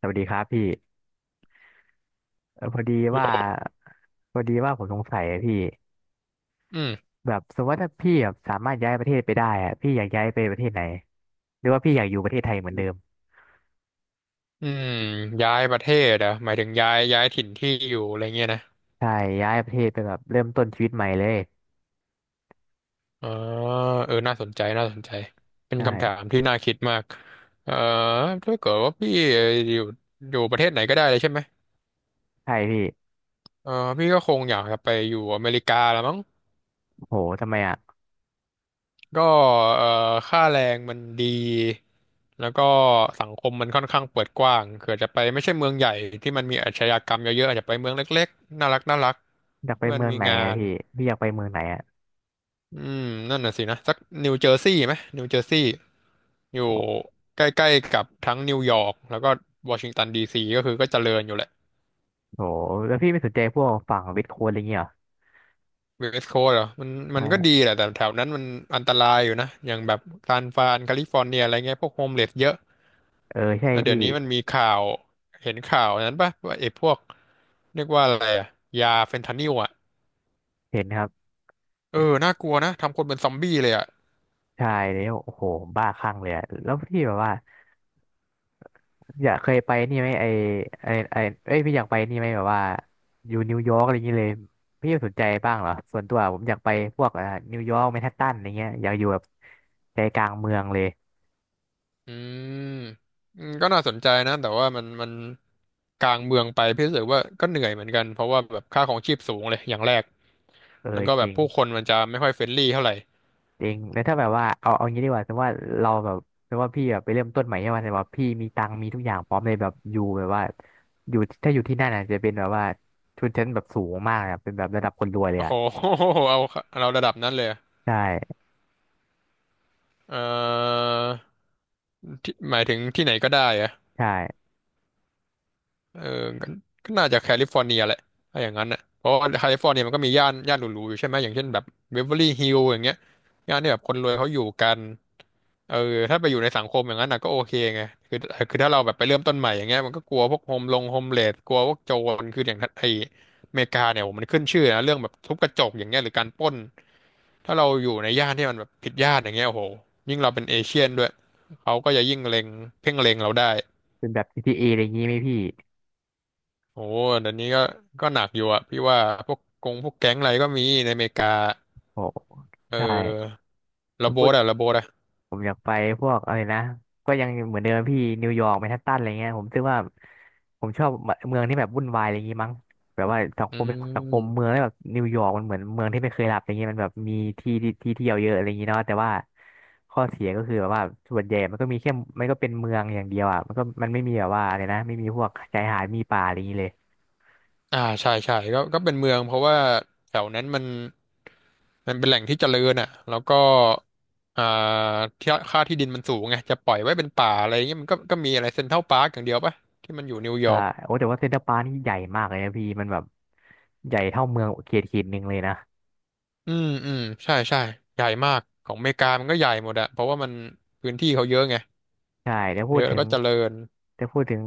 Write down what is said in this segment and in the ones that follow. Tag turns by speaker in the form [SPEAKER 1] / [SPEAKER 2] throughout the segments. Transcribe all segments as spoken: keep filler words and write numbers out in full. [SPEAKER 1] สวัสดีครับพี่เอ่อพอดี
[SPEAKER 2] โย
[SPEAKER 1] ว่า
[SPEAKER 2] ม
[SPEAKER 1] พอดีว่าผมสงสัยอะพี่
[SPEAKER 2] อืม
[SPEAKER 1] แบบสมมติว่าถ้าพี่แบบสามารถย้ายประเทศไปได้อะพี่อยากย้ายไปประเทศไหนหรือว่าพี่อยากอยู่ประเทศไทยเหมือนเดิม
[SPEAKER 2] อืมย้ายประเทศเหรอ่ะหมายถึงย้ายย้ายถิ่นที่อยู่อะไรเงี้ยนะ
[SPEAKER 1] ใช่ย้ายประเทศไปแบบเริ่มต้นชีวิตใหม่เลย
[SPEAKER 2] อ๋อเออน่าสนใจน่าสนใจ เป็นคำถาม
[SPEAKER 1] ใช่
[SPEAKER 2] ที่น่าคิดมากเออถ้าเกิดว่าพี่อยู่อยู่ประเทศไหนก็ได้เลยใช่ไหม
[SPEAKER 1] ใช่พี่
[SPEAKER 2] เออพี่ก็คงอยากจะไปอยู่อเมริกาละมั้ง
[SPEAKER 1] โหทำไมอะ
[SPEAKER 2] ก็เออค่าแรงมันดีแล้วก็สังคมมันค่อนข้างเปิดกว้างเผื่อจะไปไม่ใช่เมืองใหญ่ที่มันมีอาชญากรรมเยอะๆอาจจะไปเมืองเล็กๆน่ารักน่ารัก
[SPEAKER 1] อยากไป
[SPEAKER 2] ที่มัน
[SPEAKER 1] เมือง
[SPEAKER 2] มี
[SPEAKER 1] ไหน
[SPEAKER 2] งา
[SPEAKER 1] อะ
[SPEAKER 2] น
[SPEAKER 1] พี่พี่อยากไปเมืองไหนอะ
[SPEAKER 2] อืมนั่นน่ะสินะสักนิวเจอร์ซีย์ไหมนิวเจอร์ซีย์อยู่
[SPEAKER 1] โห
[SPEAKER 2] ใกล้ๆกับทั้งนิวยอร์กแล้วก็วอชิงตันดีซีก็คือก็เจริญอยู่แหละ
[SPEAKER 1] โหแล้วพี่ไม่สนใจพวกฝั่งเวทโค้ดอะไรเงี้ยเหรอ
[SPEAKER 2] เวสต์โคสต์เหรอมันมันก็
[SPEAKER 1] ใช่
[SPEAKER 2] ดีแหละแต่แถวนั้นมันอันตรายอยู่นะอย่างแบบซานฟรานแคลิฟอร์เนียอะไรเงี้ยพวกโฮมเลสเยอะ
[SPEAKER 1] เออใช่
[SPEAKER 2] แล้วเดี๋
[SPEAKER 1] พี่
[SPEAKER 2] ยวนี้มันมีข่าวเห็นข่าวนั้นปะว่าไอ้พวกเรียกว่าอะไรอะยาเฟนทานิลอะ
[SPEAKER 1] เห็นครับ
[SPEAKER 2] เออน่ากลัวนะทำคนเป็นซอมบี้เลยอะ
[SPEAKER 1] ใช่แล้วโอ้โหบ้าคลั่งเลยอะแล้วพี่แบบว่า อยากเคยไปนี่ไหมไอไอไอเอ้ยพี่อยากไปนี่ไหมแบบว่าอยู่นิวยอร์กอะไรอย่างเงี้ยเลยพี่สนใจบ้างเหรอส่วนตัวผมอยากไปพวกอ่านิวยอร์กแมนฮัตตันอะไรเงี้ยอยากอยู่แบบใจกลางเมืองเลย
[SPEAKER 2] อืมอืมก็น่าสนใจนะแต่ว่ามันมันกลางเมืองไปพี่รู้สึกว่าก็เหนื่อยเหมือนกันเพราะว่าแบบค่าของชีพสูงเลยอย่างแรก
[SPEAKER 1] เอ
[SPEAKER 2] แล้
[SPEAKER 1] อ
[SPEAKER 2] วก็
[SPEAKER 1] จ
[SPEAKER 2] แบบ
[SPEAKER 1] ริง
[SPEAKER 2] ผู้คนมันจะไม่ค่อยเฟรนลี่เท่าไหร่
[SPEAKER 1] จริงแล้วถ้าแบบว่าเอาเอางี้ดีกว่าสมมติว่าเราแบบสมมติว่าพี่แบบไปเริ่มต้นใหม่ใช่ไหมแต่ว่าพี่มีตังค์มีทุกอย่างพร้อมเลยแบบอยู่แบบว่าอยู่ถ้าอยู่ที่นั่นอ่ะจะเป็นแบบว่าชนชั้นแบบสูงมากอ่ะเป็นแบบระดับคนรวยเลย
[SPEAKER 2] โอ้
[SPEAKER 1] อ่ะ
[SPEAKER 2] โห เอาเราระดับนั้นเลยอะ
[SPEAKER 1] ใช่
[SPEAKER 2] เอ่อที่หมายถึงที่ไหนก็ได้อะ
[SPEAKER 1] ใช่
[SPEAKER 2] เออก็ก็น่าจะแคลิฟอร์เนียแหละถ้าอย่างนั้นอ่ะเพราะว่าแคลิฟอร์เนียมันก็มีย่านย่านหรูๆอยู่ใช่ไหมอย่างเช่นแบบเบเวอร์ลี่ฮิลล์อย่างเงี้ยย่านที่แบบคนรวยเขาอยู่กัน เออถ้าไปอยู่ในสังคมอย่างนั้นนะก็โอเคไงคือคือถ้าเราแบบไปเริ่มต้นใหม่อย่างเงี้ยมันก็กลัวพวกโฮมลงโฮมเลสกลัวพวกโจรคืออย่างไออเมริกาเนี่ยโหมันขึ้นชื่อนะเรื่องแบบทุบกระจกอย่างเงี้ยหรือการปล้นถ้าเราอยู่ในย่านที่มันแบบผิดย่านอย่างเงี้ยโอ้โหยิ่งเราเป็นเอเชียนด้วยเขาก็จะยิ่งเล็งเพ่งเล็งเราได้
[SPEAKER 1] เป็นแบบ จี ที เอ ออะไรอย่างงี้ไหมพี่
[SPEAKER 2] โอ้เดี๋ยวนี้ก็ก็หนักอยู่อะพี่ว่าพวกกงพวกแก๊งอะไรก็มีในอเมริกา
[SPEAKER 1] โอ้
[SPEAKER 2] เ
[SPEAKER 1] ใช่
[SPEAKER 2] ออ
[SPEAKER 1] จะ
[SPEAKER 2] ระโบ
[SPEAKER 1] พูด
[SPEAKER 2] ดอะระโบดอะ
[SPEAKER 1] ผมอยากไปพวกอะไรนะก็ยังเหมือนเดิมพี่นิวยอร์กแมนฮัตตันอะไรเงี้ยผมคิดว่าผมชอบเมืองที่แบบวุ่นวายอะไรอย่างงี้มั้งแบบว่าสัง
[SPEAKER 2] อื
[SPEAKER 1] คมสังคมเมือ
[SPEAKER 2] ม
[SPEAKER 1] งแล้วแบบนิวยอร์กมันเหมือนเมืองที่ไม่เคยหลับอะไรเงี้ยมันแบบมีที่ที่ที่เที่ยวเยอะอะไรอย่างงี้เนาะแต่ว่าข้อเสียก็คือแบบว่าส่วนใหญ่มันก็มีแค่มันก็เป็นเมืองอย่างเดียวอ่ะมันก็มันไม่มีแบบว่าอะไรนะไม่มีพวกชายหาดมีป่าอะไรอย่างงี้เลย
[SPEAKER 2] อ่าใช่ใช่ก็ก็เป็นเมืองเพราะว่าแถวนั้นมัน มันเป็นแหล่งที่เจริญอ่ะ แล้วก็อ่าที่ค่าที่ดินมันสูงไง จะปล่อยไว้เป็นป่าอะไรเงี้ย มันก็ก็มีอะไรเซ็นทรัลพาร์คอย่างเดียวปะที่มันอยู่นิวย
[SPEAKER 1] อ่า
[SPEAKER 2] อร์ก
[SPEAKER 1] โอ้แต่ว่าเซ็นทรัลปาร์คนี่ใหญ่มากเลยนะพี่มันแบบใหญ่เท่าเมืองเขตเขตหนึ่งเลยนะ
[SPEAKER 2] อืม อืม ใช่ใช่ใหญ่มาก ของอเมริกามันก็ใหญ่หมดอะเพราะว่ามันพื้นที่เขาเยอะไง
[SPEAKER 1] ใช่แต่พู
[SPEAKER 2] เย
[SPEAKER 1] ด
[SPEAKER 2] อะแล้
[SPEAKER 1] ถึ
[SPEAKER 2] ว
[SPEAKER 1] ง
[SPEAKER 2] ก็เจริญ
[SPEAKER 1] แตพูดถึง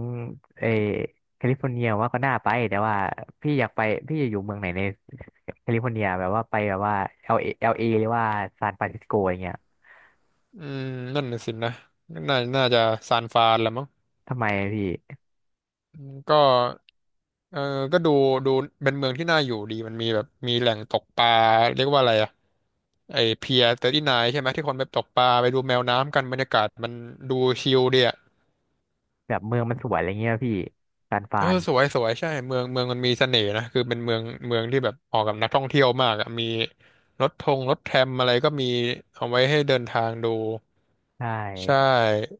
[SPEAKER 1] เออแคลิฟอร์เนียว่าก็น่าไปแต่ว่าพี่อยากไปพี่จะอยู่เมืองไหนในแคลิฟอร์เนียแบบว่าไปแบบว่าเอลเอเอลเอหรือว่าซานฟรานซิสโกอย่างเงี้ย
[SPEAKER 2] อืม นั่นน่ะสินะน่าน่าจะซานฟรานละมั้ง
[SPEAKER 1] ทำไมพี่
[SPEAKER 2] ก็ เออ ก็ดูดูเป็นเมืองที่น่าอยู่ดี มันมีแบบมีแหล่งตกปลาเรียกว่าอะไรอะไอเพียเตอร์ตี้ไนใช่ไหมที่คนไปตกปลาไปดูแมวน้ำกันบรรยากาศมันดูชิลดีอะ
[SPEAKER 1] แบบเมืองมันสวยอะไรเงี้ยพี่ซานฟรา
[SPEAKER 2] เออ
[SPEAKER 1] น
[SPEAKER 2] สวยสวยใช่เมืองเมืองมันมีเสน่ห์นะคือเป็นเมืองเมืองที่แบบเหมาะกับนักท่องเที่ยวมากอะมีรถทงรถแทรมอะไรก็มีเอาไว้ให้เดินทางดู
[SPEAKER 1] ใช
[SPEAKER 2] ใช
[SPEAKER 1] ่
[SPEAKER 2] ่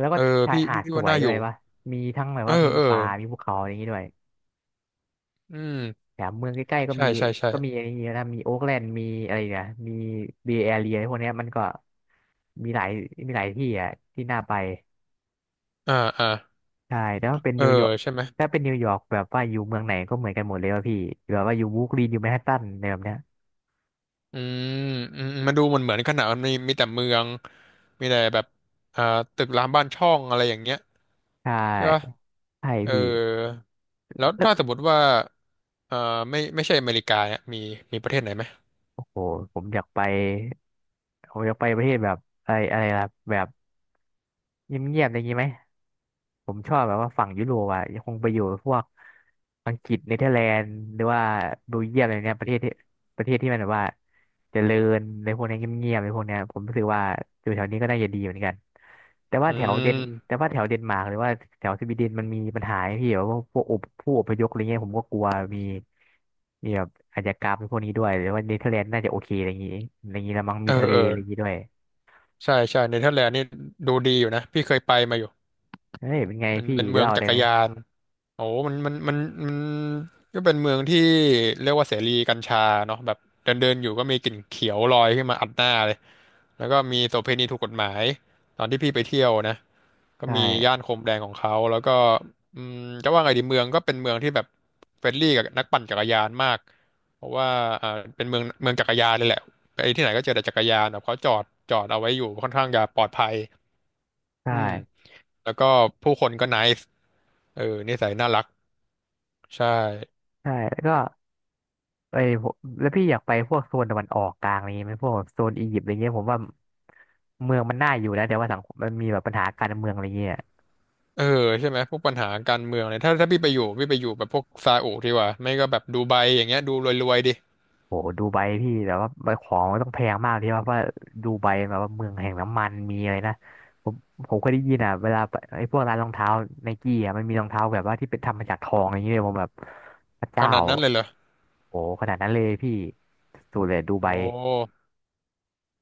[SPEAKER 1] แล้ว
[SPEAKER 2] เอ
[SPEAKER 1] ก็
[SPEAKER 2] อ
[SPEAKER 1] ชาย
[SPEAKER 2] พี่
[SPEAKER 1] หาด
[SPEAKER 2] พี่
[SPEAKER 1] ส
[SPEAKER 2] ว่า
[SPEAKER 1] วย
[SPEAKER 2] น่าอ
[SPEAKER 1] ด้ว
[SPEAKER 2] ยู่
[SPEAKER 1] ยวะมีทั้งแบบ
[SPEAKER 2] เออ
[SPEAKER 1] ว่ามี
[SPEAKER 2] เออ
[SPEAKER 1] ป่ามีภูเขาอะไรอย่างงี้ด้วย
[SPEAKER 2] อืม
[SPEAKER 1] แถมเมืองใกล้ๆก็
[SPEAKER 2] ใช่
[SPEAKER 1] มี
[SPEAKER 2] ใช่ใช่
[SPEAKER 1] ก็มีอะไรอย่างเงี้ยนะมีโอ๊คแลนด์มีอะไรเนี่ยมีเบย์แอเรียพวกเนี้ยมันก็มีหลายมีหลายที่อ่ะที่น่าไป
[SPEAKER 2] อ่าอ่า
[SPEAKER 1] ใช่แต่ว่าเป็น
[SPEAKER 2] เออ
[SPEAKER 1] นิวยอร์ก
[SPEAKER 2] ใช่ไหม
[SPEAKER 1] ถ้าเป็นนิวยอร์กแบบว่าอยู่เมืองไหนก็เหมือนกันหมดเลยว่าพี่แบบว่าอยู่บรูคลินอยู่แมนฮัตตันอะไรแบบเนี้ย
[SPEAKER 2] อืมอืมอืมมันดูเหมือนเหมือนขนาดมันมีมีแต่เมืองมีแต่แบบอ่าตึกรามบ้านช่องอะไรอย่างเงี้ย
[SPEAKER 1] ใช
[SPEAKER 2] ใช่ป่ะ
[SPEAKER 1] ่ใช่
[SPEAKER 2] เออ
[SPEAKER 1] พี่
[SPEAKER 2] แล้ว
[SPEAKER 1] แล้ว
[SPEAKER 2] ถ้าสมมติว่าเอ่อไม่ไม่ใช่อเมริกาอ่ะมีมีประเทศไหนไหม
[SPEAKER 1] โอ้โหผมอยากไปผมอยากไปประเทศแบบอะไรอะไรล่ะแบบเงียบๆอะไรอย่างงี้ไหมผมชอบแบบว่าฝั่งยุโรปอ่ะคงไปอยู่พวกอังกฤษเนเธอร์แลนด์หรือว่าเบลเยียมอะไรเนี้ยประเทศที่ประเทศที่มันแบบว่าเจริญในพวกเนี้ยเงียบๆในพวกเนี้ยผมรู้สึกว่าอยู่แถวนี้ก็น่าจะดีเหมือนกัน แต่ว่า
[SPEAKER 2] อื
[SPEAKER 1] แถวเดน
[SPEAKER 2] ม
[SPEAKER 1] แต่ว่าแถวเดนมาร์กหรือว่าแถวสวีเดนมันมีปัญหาไอ้พี่แบบว่าพวกอพผู้อพยพอะไรเงี้ยผมก็กลัวมีมีแบบอาชญากรรมพวกนี้ด้วยหรือว่าเนเธอร์แลนด์น่าจะโอเคอะไรอย่างงี้อะไรอย่างงี้ละมั้ง
[SPEAKER 2] เอ
[SPEAKER 1] มี
[SPEAKER 2] อ
[SPEAKER 1] ทะเล
[SPEAKER 2] เออ
[SPEAKER 1] อะไรอย่างงี้ด้วย
[SPEAKER 2] ใช่ใช่เนเธอร์แลนด์นี่ดูดีอยู่นะพี่เคยไปมาอยู่
[SPEAKER 1] เฮ้ยเป็นไง
[SPEAKER 2] มัน
[SPEAKER 1] พี่
[SPEAKER 2] เป็นเมือง
[SPEAKER 1] เล่า
[SPEAKER 2] จั
[SPEAKER 1] ได้
[SPEAKER 2] กร
[SPEAKER 1] ไหม
[SPEAKER 2] ยาน โอ้มันมันมันมันก็เป็นเมืองที่เรียกว่าเสรีกัญชาเนาะแบบเดินเดินอยู่ก็มีกลิ่นเขียวลอยขึ้นมาอัดหน้าเลยแล้วก็มีโสเภณีถูกกฎหมายตอนที่พี่ไปเที่ยวนะก็
[SPEAKER 1] ใช
[SPEAKER 2] มีย่า
[SPEAKER 1] ่
[SPEAKER 2] นโคมแดงของเขาแล้วก็อืมจะว่าไงดีเมืองก็เป็นเมืองที่แบบเฟรนลี่กับนักปั่นจักรยานมากเพราะว่าอ่าเป็นเมืองเมืองจักรยานเลยแหละไปที่ไหนก็เจอแต่จักรยานแบบเขาจอดจอดเอาไว้อยู่ค่อนข้างจะปลอดภัย
[SPEAKER 1] ใช
[SPEAKER 2] อืม
[SPEAKER 1] ่
[SPEAKER 2] แล้วก็ผู้คนก็ ไนซ์ เออนิสัยน่ารักใช่
[SPEAKER 1] ใช่แล้วก็ไอ้ยผมแล้วพี่อยากไปพวกโซนตะวันออกกลางอะไรเงี้ยไหมพวกแบบโซนอียิปต์อะไรเงี้ยผมว่าเมืองมันน่าอยู่นะแต่ว่าสังคมมันมีแบบปัญหาการเมืองอะไรเงี้ย
[SPEAKER 2] เออใช่ไหมพวกปัญหาการเมืองเนี่ยถ้าถ้าพี่ไปอยู่พี่ไปอยู่แบบพวกซาอุดีกว่าไม่ก็แบบดูไบอย่างเงี้ยดูรวยๆดิ
[SPEAKER 1] โหดูไบพี่แต่ว่าปของมันต้องแพงมากที่ว่าเพราะว่าดูไบแบบว่าเมืองแห่งน้ำมันมีอะไรนะผมผมเคยได้ยินอ่ะเวลาไปไอ้พวกร้านรองเท้าไนกี้อ่ะมันมีรองเท้าแบบว่าที่เป็นทำมาจากทองอย่างเงี้ยผมแบบพระ
[SPEAKER 2] ข
[SPEAKER 1] เจ้า
[SPEAKER 2] นาดนั้นเลยเหรอ
[SPEAKER 1] โหขนาดนั้นเลยพี่สุดเลยดูไบ
[SPEAKER 2] โอ้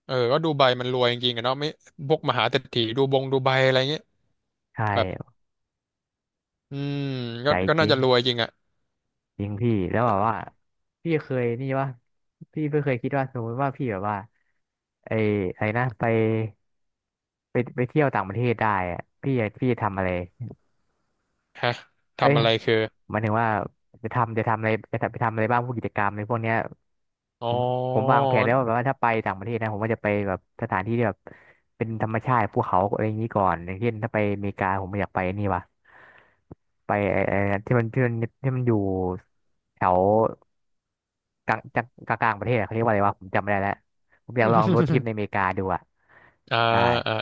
[SPEAKER 2] เออก็ดูไบมันรวยจริงๆอะเนาะไม่พวกมหาเศรษฐีดูบงดูไบอะไรเงี้ย
[SPEAKER 1] ใช่
[SPEAKER 2] แบบอืมก็
[SPEAKER 1] ใจ
[SPEAKER 2] ก็
[SPEAKER 1] จ
[SPEAKER 2] น่า
[SPEAKER 1] ริ
[SPEAKER 2] จะ
[SPEAKER 1] ง
[SPEAKER 2] รวยจริงอะ
[SPEAKER 1] จริงพี่แล้วแบบว่าพี่เคยนี่ว่าพี่ไม่เคยคิดว่าสมมติว่าพี่แบบว่าไอ้อะไรนะไปไปไปเที่ยวต่างประเทศได้อะพี่จะพี่จะทำอะไร
[SPEAKER 2] ฮะ
[SPEAKER 1] เอ้ย
[SPEAKER 2] ทำอะไรคือ
[SPEAKER 1] หมายถึงว่าจะทำจะทำอะไรจะไปทำอะไรบ้างพวกกิจกรรมในพวกเนี้ย
[SPEAKER 2] อ๋อ
[SPEAKER 1] ผมผมวางแผนแล้วว่าแบบว่าถ้าไปต่างประเทศนะผมก็จะไปแบบสถานที่ที่แบบเป็นธรรมชาติภูเขาอะไรอย่างนี้ก่อนอย่างเช่นถ้าไปอเมริกาผมอยากไปนี่ว่ะไปไอ้ไอ้ที่มันที่มันที่มันอยู่แถวกลางจังกลางๆประเทศอะเขาเรียกว่าอะไรวะผมจำไม่ได้แล้วผมอยากลองรถทริป ในอเมริกาดูอ่ะ
[SPEAKER 2] อ่า
[SPEAKER 1] ได้
[SPEAKER 2] อ่า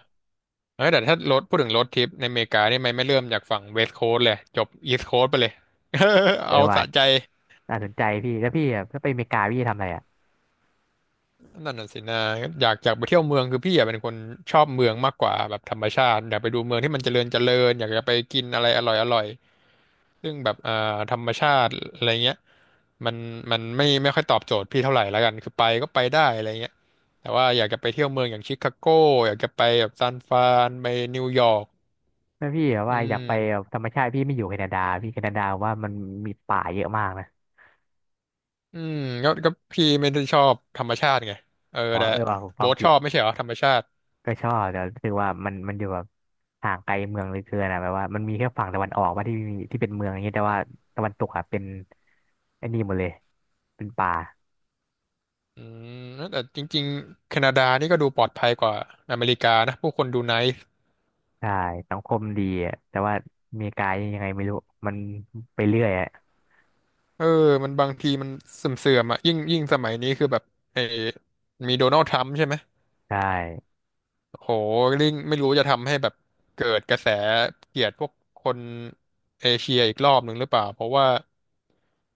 [SPEAKER 2] เอ้ยแต่ถ้ารถพูดถึงรถทริปในอเมริกานี่ไม่ไม่เริ่มจากฝั่งเวสต์โคสต์เลยจบอีสต์โคสต์ไปเลย
[SPEAKER 1] เออ
[SPEAKER 2] เอา
[SPEAKER 1] ว่ะ
[SPEAKER 2] สะใจ
[SPEAKER 1] น่าสนใจพี่แล้วพี่อะถ้าไปอเมริกาพี่จะทำอะไรอ่ะ
[SPEAKER 2] นั่นน่ะสินะอยากอยากไปเที่ยวเมืองคือพี่อยากเป็นคนชอบเมืองมากกว่าแบบธรรมชาติอยากไปดูเมืองที่มันเจริญเจริญอยากจะไปกินอะไรอร่อยอร่อยซึ่งแบบอ่าธรรมชาติอะไรเงี้ยมันมันไม่ไม่ค่อยตอบโจทย์พี่เท่าไหร่แล้วกันคือไปก็ไปได้อะไรเงี้ยแต่ว่าอยากจะไปเที่ยวเมืองอย่างชิคาโกอยากจะไปแบบซานฟรานไปนิวยอร์ก
[SPEAKER 1] แม่พี่อะ
[SPEAKER 2] อื
[SPEAKER 1] ว่าอยากไปแบบ
[SPEAKER 2] ม
[SPEAKER 1] ธรรมชาติพี่ไม่อยู่แคนาดาพี่แคนาดาว่ามันมีป่าเยอะมากนะ
[SPEAKER 2] อืมก็ก็พี่ไม่ได้ชอบธรรมชาติไงเออ
[SPEAKER 1] อ๋อ
[SPEAKER 2] แต่
[SPEAKER 1] เออว่าผมฟั
[SPEAKER 2] โบ๊
[SPEAKER 1] ง
[SPEAKER 2] ทช
[SPEAKER 1] ผิด
[SPEAKER 2] อบไม่ใช่เหรอธรรมชาติ
[SPEAKER 1] ก็ชอบแต่รู้สึกว่ามันมันอยู่แบบห่างไกลเมืองเหลยเกินอะแบบว่ามันมีแค่ฝั่งตะวันออกว่าที่มีที่เป็นเมืองอย่างเงี้ยแต่ว่าตะวันตกอะเป็นไอ้นี่หมดเลยเป็นป่า
[SPEAKER 2] อืมแล้วแต่จริงๆแคนาดานี่ก็ดูปลอดภัยกว่าอเมริกานะผู้คนดูไนซ์
[SPEAKER 1] ใช่สังคมดีอะแต่ว่าอเมริกายังไงไม่รู้มันไปเรื่อยอะ
[SPEAKER 2] เออมันบางทีมันเสื่อมๆอ่ะยิ่งยิ่งสมัยนี้คือแบบเออมีโดนัลด์ทรัมป์ใช่ไหม
[SPEAKER 1] ใช่
[SPEAKER 2] โโหลิงไม่รู้จะทำให้แบบเกิดกระแสเกลียดพวกคนเอเชียอีกรอบหนึ่งหรือเปล่าเพราะว่า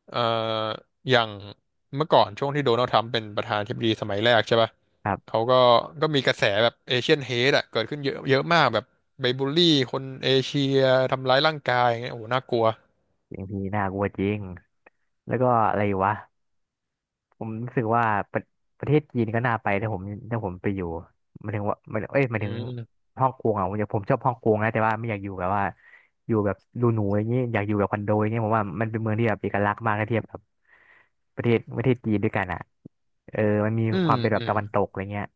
[SPEAKER 2] เอ่ออย่างเมื่อก่อนช่วงที่โดนัลด์ทรัมป์เป็นประธานาธิบดีสมัยแรกใช่ป่ะ
[SPEAKER 1] ครับ
[SPEAKER 2] เขาก็ก็มีกระแสแบบเอเชียนเฮดอะเกิดขึ้นเยอะเยอะมากแบบไปบูลลี่คนเอเชียทำร้ายร่างกายอย่างเงี้ยโอ้โหน่ากลัว
[SPEAKER 1] อย่างที่น่ากลัวจริงแล้วก็อะไรวะ ผมรู้สึกว่าประประเทศจีนก็น่าไปแต่ผมถ้าผมไปอยู่หมายถึงว่าหมายเอ้ยหมาย
[SPEAKER 2] อื
[SPEAKER 1] ถึง
[SPEAKER 2] ม
[SPEAKER 1] ฮ่องกงอ่ะผมจะผมชอบฮ่องกงนะแต่ว่าไม่อยากอยู่แบบว่าอยู่แบบดูหนูอย่างนี้อยากอยู่แบบคอนโดอย่างนี้ผมว่ามันเป็นเมืองที่แบบเอกลักษณ์มากถ้าเทียบกับประเทศประเทศจีนด้วยกันอ่ะเออมันมี
[SPEAKER 2] อื
[SPEAKER 1] ค
[SPEAKER 2] ม
[SPEAKER 1] วามเป็นแบ
[SPEAKER 2] อื
[SPEAKER 1] บตะ
[SPEAKER 2] ม
[SPEAKER 1] วันตกอะไรเงี้ย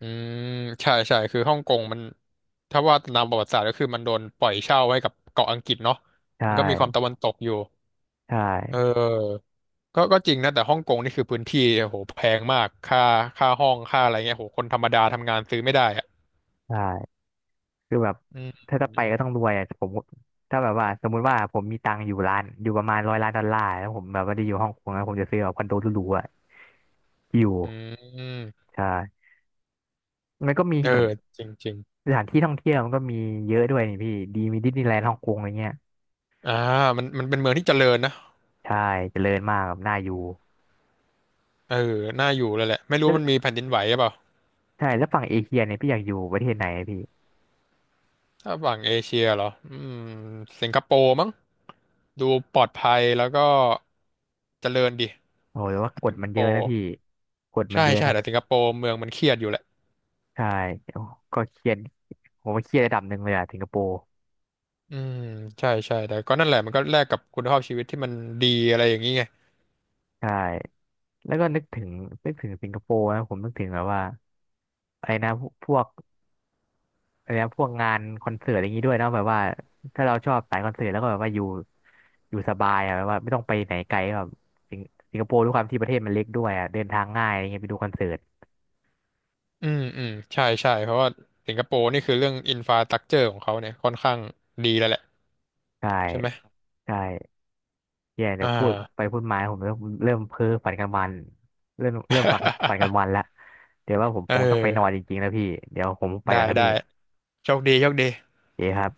[SPEAKER 2] อืมใช่ใช่คือฮ่องกงมันถ้าว่าตามประวัติศาสตร์ก็คือมันโดนปล่อยเช่าให้กับเกาะอังกฤษเนาะ
[SPEAKER 1] ใช่
[SPEAKER 2] มันก็มีความตะวันตกอยู่
[SPEAKER 1] ใช่
[SPEAKER 2] เออก็ก็จริงนะแต่ฮ่องกงนี่คือพื้นที่โอ้โหแพงมากค่าค่าห้องค่าอะไรเงี้ยโหคนธรรมดาทำงานซื้อไม่ได้อะ
[SPEAKER 1] ใช่คือแบบ
[SPEAKER 2] อืม
[SPEAKER 1] ถ้าจะไปก็ต้องรวยอ่ะผมถ้าแบบว่าสมมุติว่าผมมีตังค์อยู่ล้านอยู่ประมาณร้อยล้านดอลลาร์แล้วผมแบบว่าได้อยู่ฮ่องกงแล้วผมจะซื้อแบบคอนโดหรูๆอ่ะอยู่
[SPEAKER 2] อืม
[SPEAKER 1] ใช่มันก็มี
[SPEAKER 2] เออ
[SPEAKER 1] แบบ
[SPEAKER 2] จริงจริง
[SPEAKER 1] สถานที่ท่องเที่ยวมันก็มีเยอะด้วยนี่พี่ดีมีดิสนีย์แลนด์ฮ่องกงอะไรเงี้ย
[SPEAKER 2] อ่ามันมันเป็นเมืองที่เจริญนะ
[SPEAKER 1] ใช่เจริญมากแบบน่าอยู่
[SPEAKER 2] เออน่าอยู่เลยแหละไม่รู้
[SPEAKER 1] แล้ว
[SPEAKER 2] มันมีแผ่นดินไหวหรือเปล่า
[SPEAKER 1] ใช่แล้วฝั่งเอเชียเนี่ยพี่อยากอยู่ประเทศไหนอะพี่
[SPEAKER 2] ถ้าฝั่งเอเชียเหรออืมสิงคโปร์มั้งดูปลอดภัยแล้วก็เจริญดิ
[SPEAKER 1] โอ้ยว่าก
[SPEAKER 2] สิ
[SPEAKER 1] ฎ
[SPEAKER 2] งค
[SPEAKER 1] มัน
[SPEAKER 2] โป
[SPEAKER 1] เยอะนะ
[SPEAKER 2] ร์
[SPEAKER 1] พี่กฎมั
[SPEAKER 2] ใช่
[SPEAKER 1] นเยอะ
[SPEAKER 2] ใช่
[SPEAKER 1] นะ
[SPEAKER 2] แต่สิงคโปร์เมืองมันเครียดอยู่แหละ
[SPEAKER 1] ใช่โอ้ก็เครียดผมว่าเครียดระดับหนึ่งเลยอะสิงคโปร์
[SPEAKER 2] อืมใช่ใช่แต่ก็นั่นแหละมันก็แลกกับคุณภาพชีวิตที่มันดีอะไรอย่างนี้ไง
[SPEAKER 1] ใช่แล้วก็นึกถึงนึกถึงสิงคโปร์นะผมนึกถึงแบบว่าอะไรนะพวก อะไรนะพวกงานคอนเสิร์ตอะไรอย่างนี้ด้วยเนาะแบบว่าถ้าเราชอบสายคอนเสิร์ตแล้วก็แบบว่าอยู่อยู่สบายอะแบบว่าไม่ต้องไปไหนไกลแบบสิงสิงคโปร์ด้วยความที่ประเทศมันเล็กด้วยอะเดินทางง่ายอะไรเงี้ยไปดูคอนเสิร์ต
[SPEAKER 2] อืมอืมใช่ใช่เพราะว่าสิงคโปร์นี่คือเรื่องอินฟ a า t ต u c เจอร์ของเขาเนี่ยค่อนข้างดีแล้วแหละ
[SPEAKER 1] ใช่
[SPEAKER 2] ใช่ไหม
[SPEAKER 1] ใช่แย่เดี๋ย
[SPEAKER 2] อ่า
[SPEAKER 1] วพูดไปพูดมาผมเริ่มเริ่มเพ้อฝันกลางวันเริ่มเริ่มฝันฝันกลางวันละเดี๋ยวว่าผม
[SPEAKER 2] เอ
[SPEAKER 1] ค
[SPEAKER 2] อ
[SPEAKER 1] งต้องไปนอนจริงๆแล้วพี่เดี๋ยวผมไป
[SPEAKER 2] ได้
[SPEAKER 1] ก่อนนะ
[SPEAKER 2] ได้
[SPEAKER 1] พี่
[SPEAKER 2] โชคดีโชคดี
[SPEAKER 1] เจ๊ครับ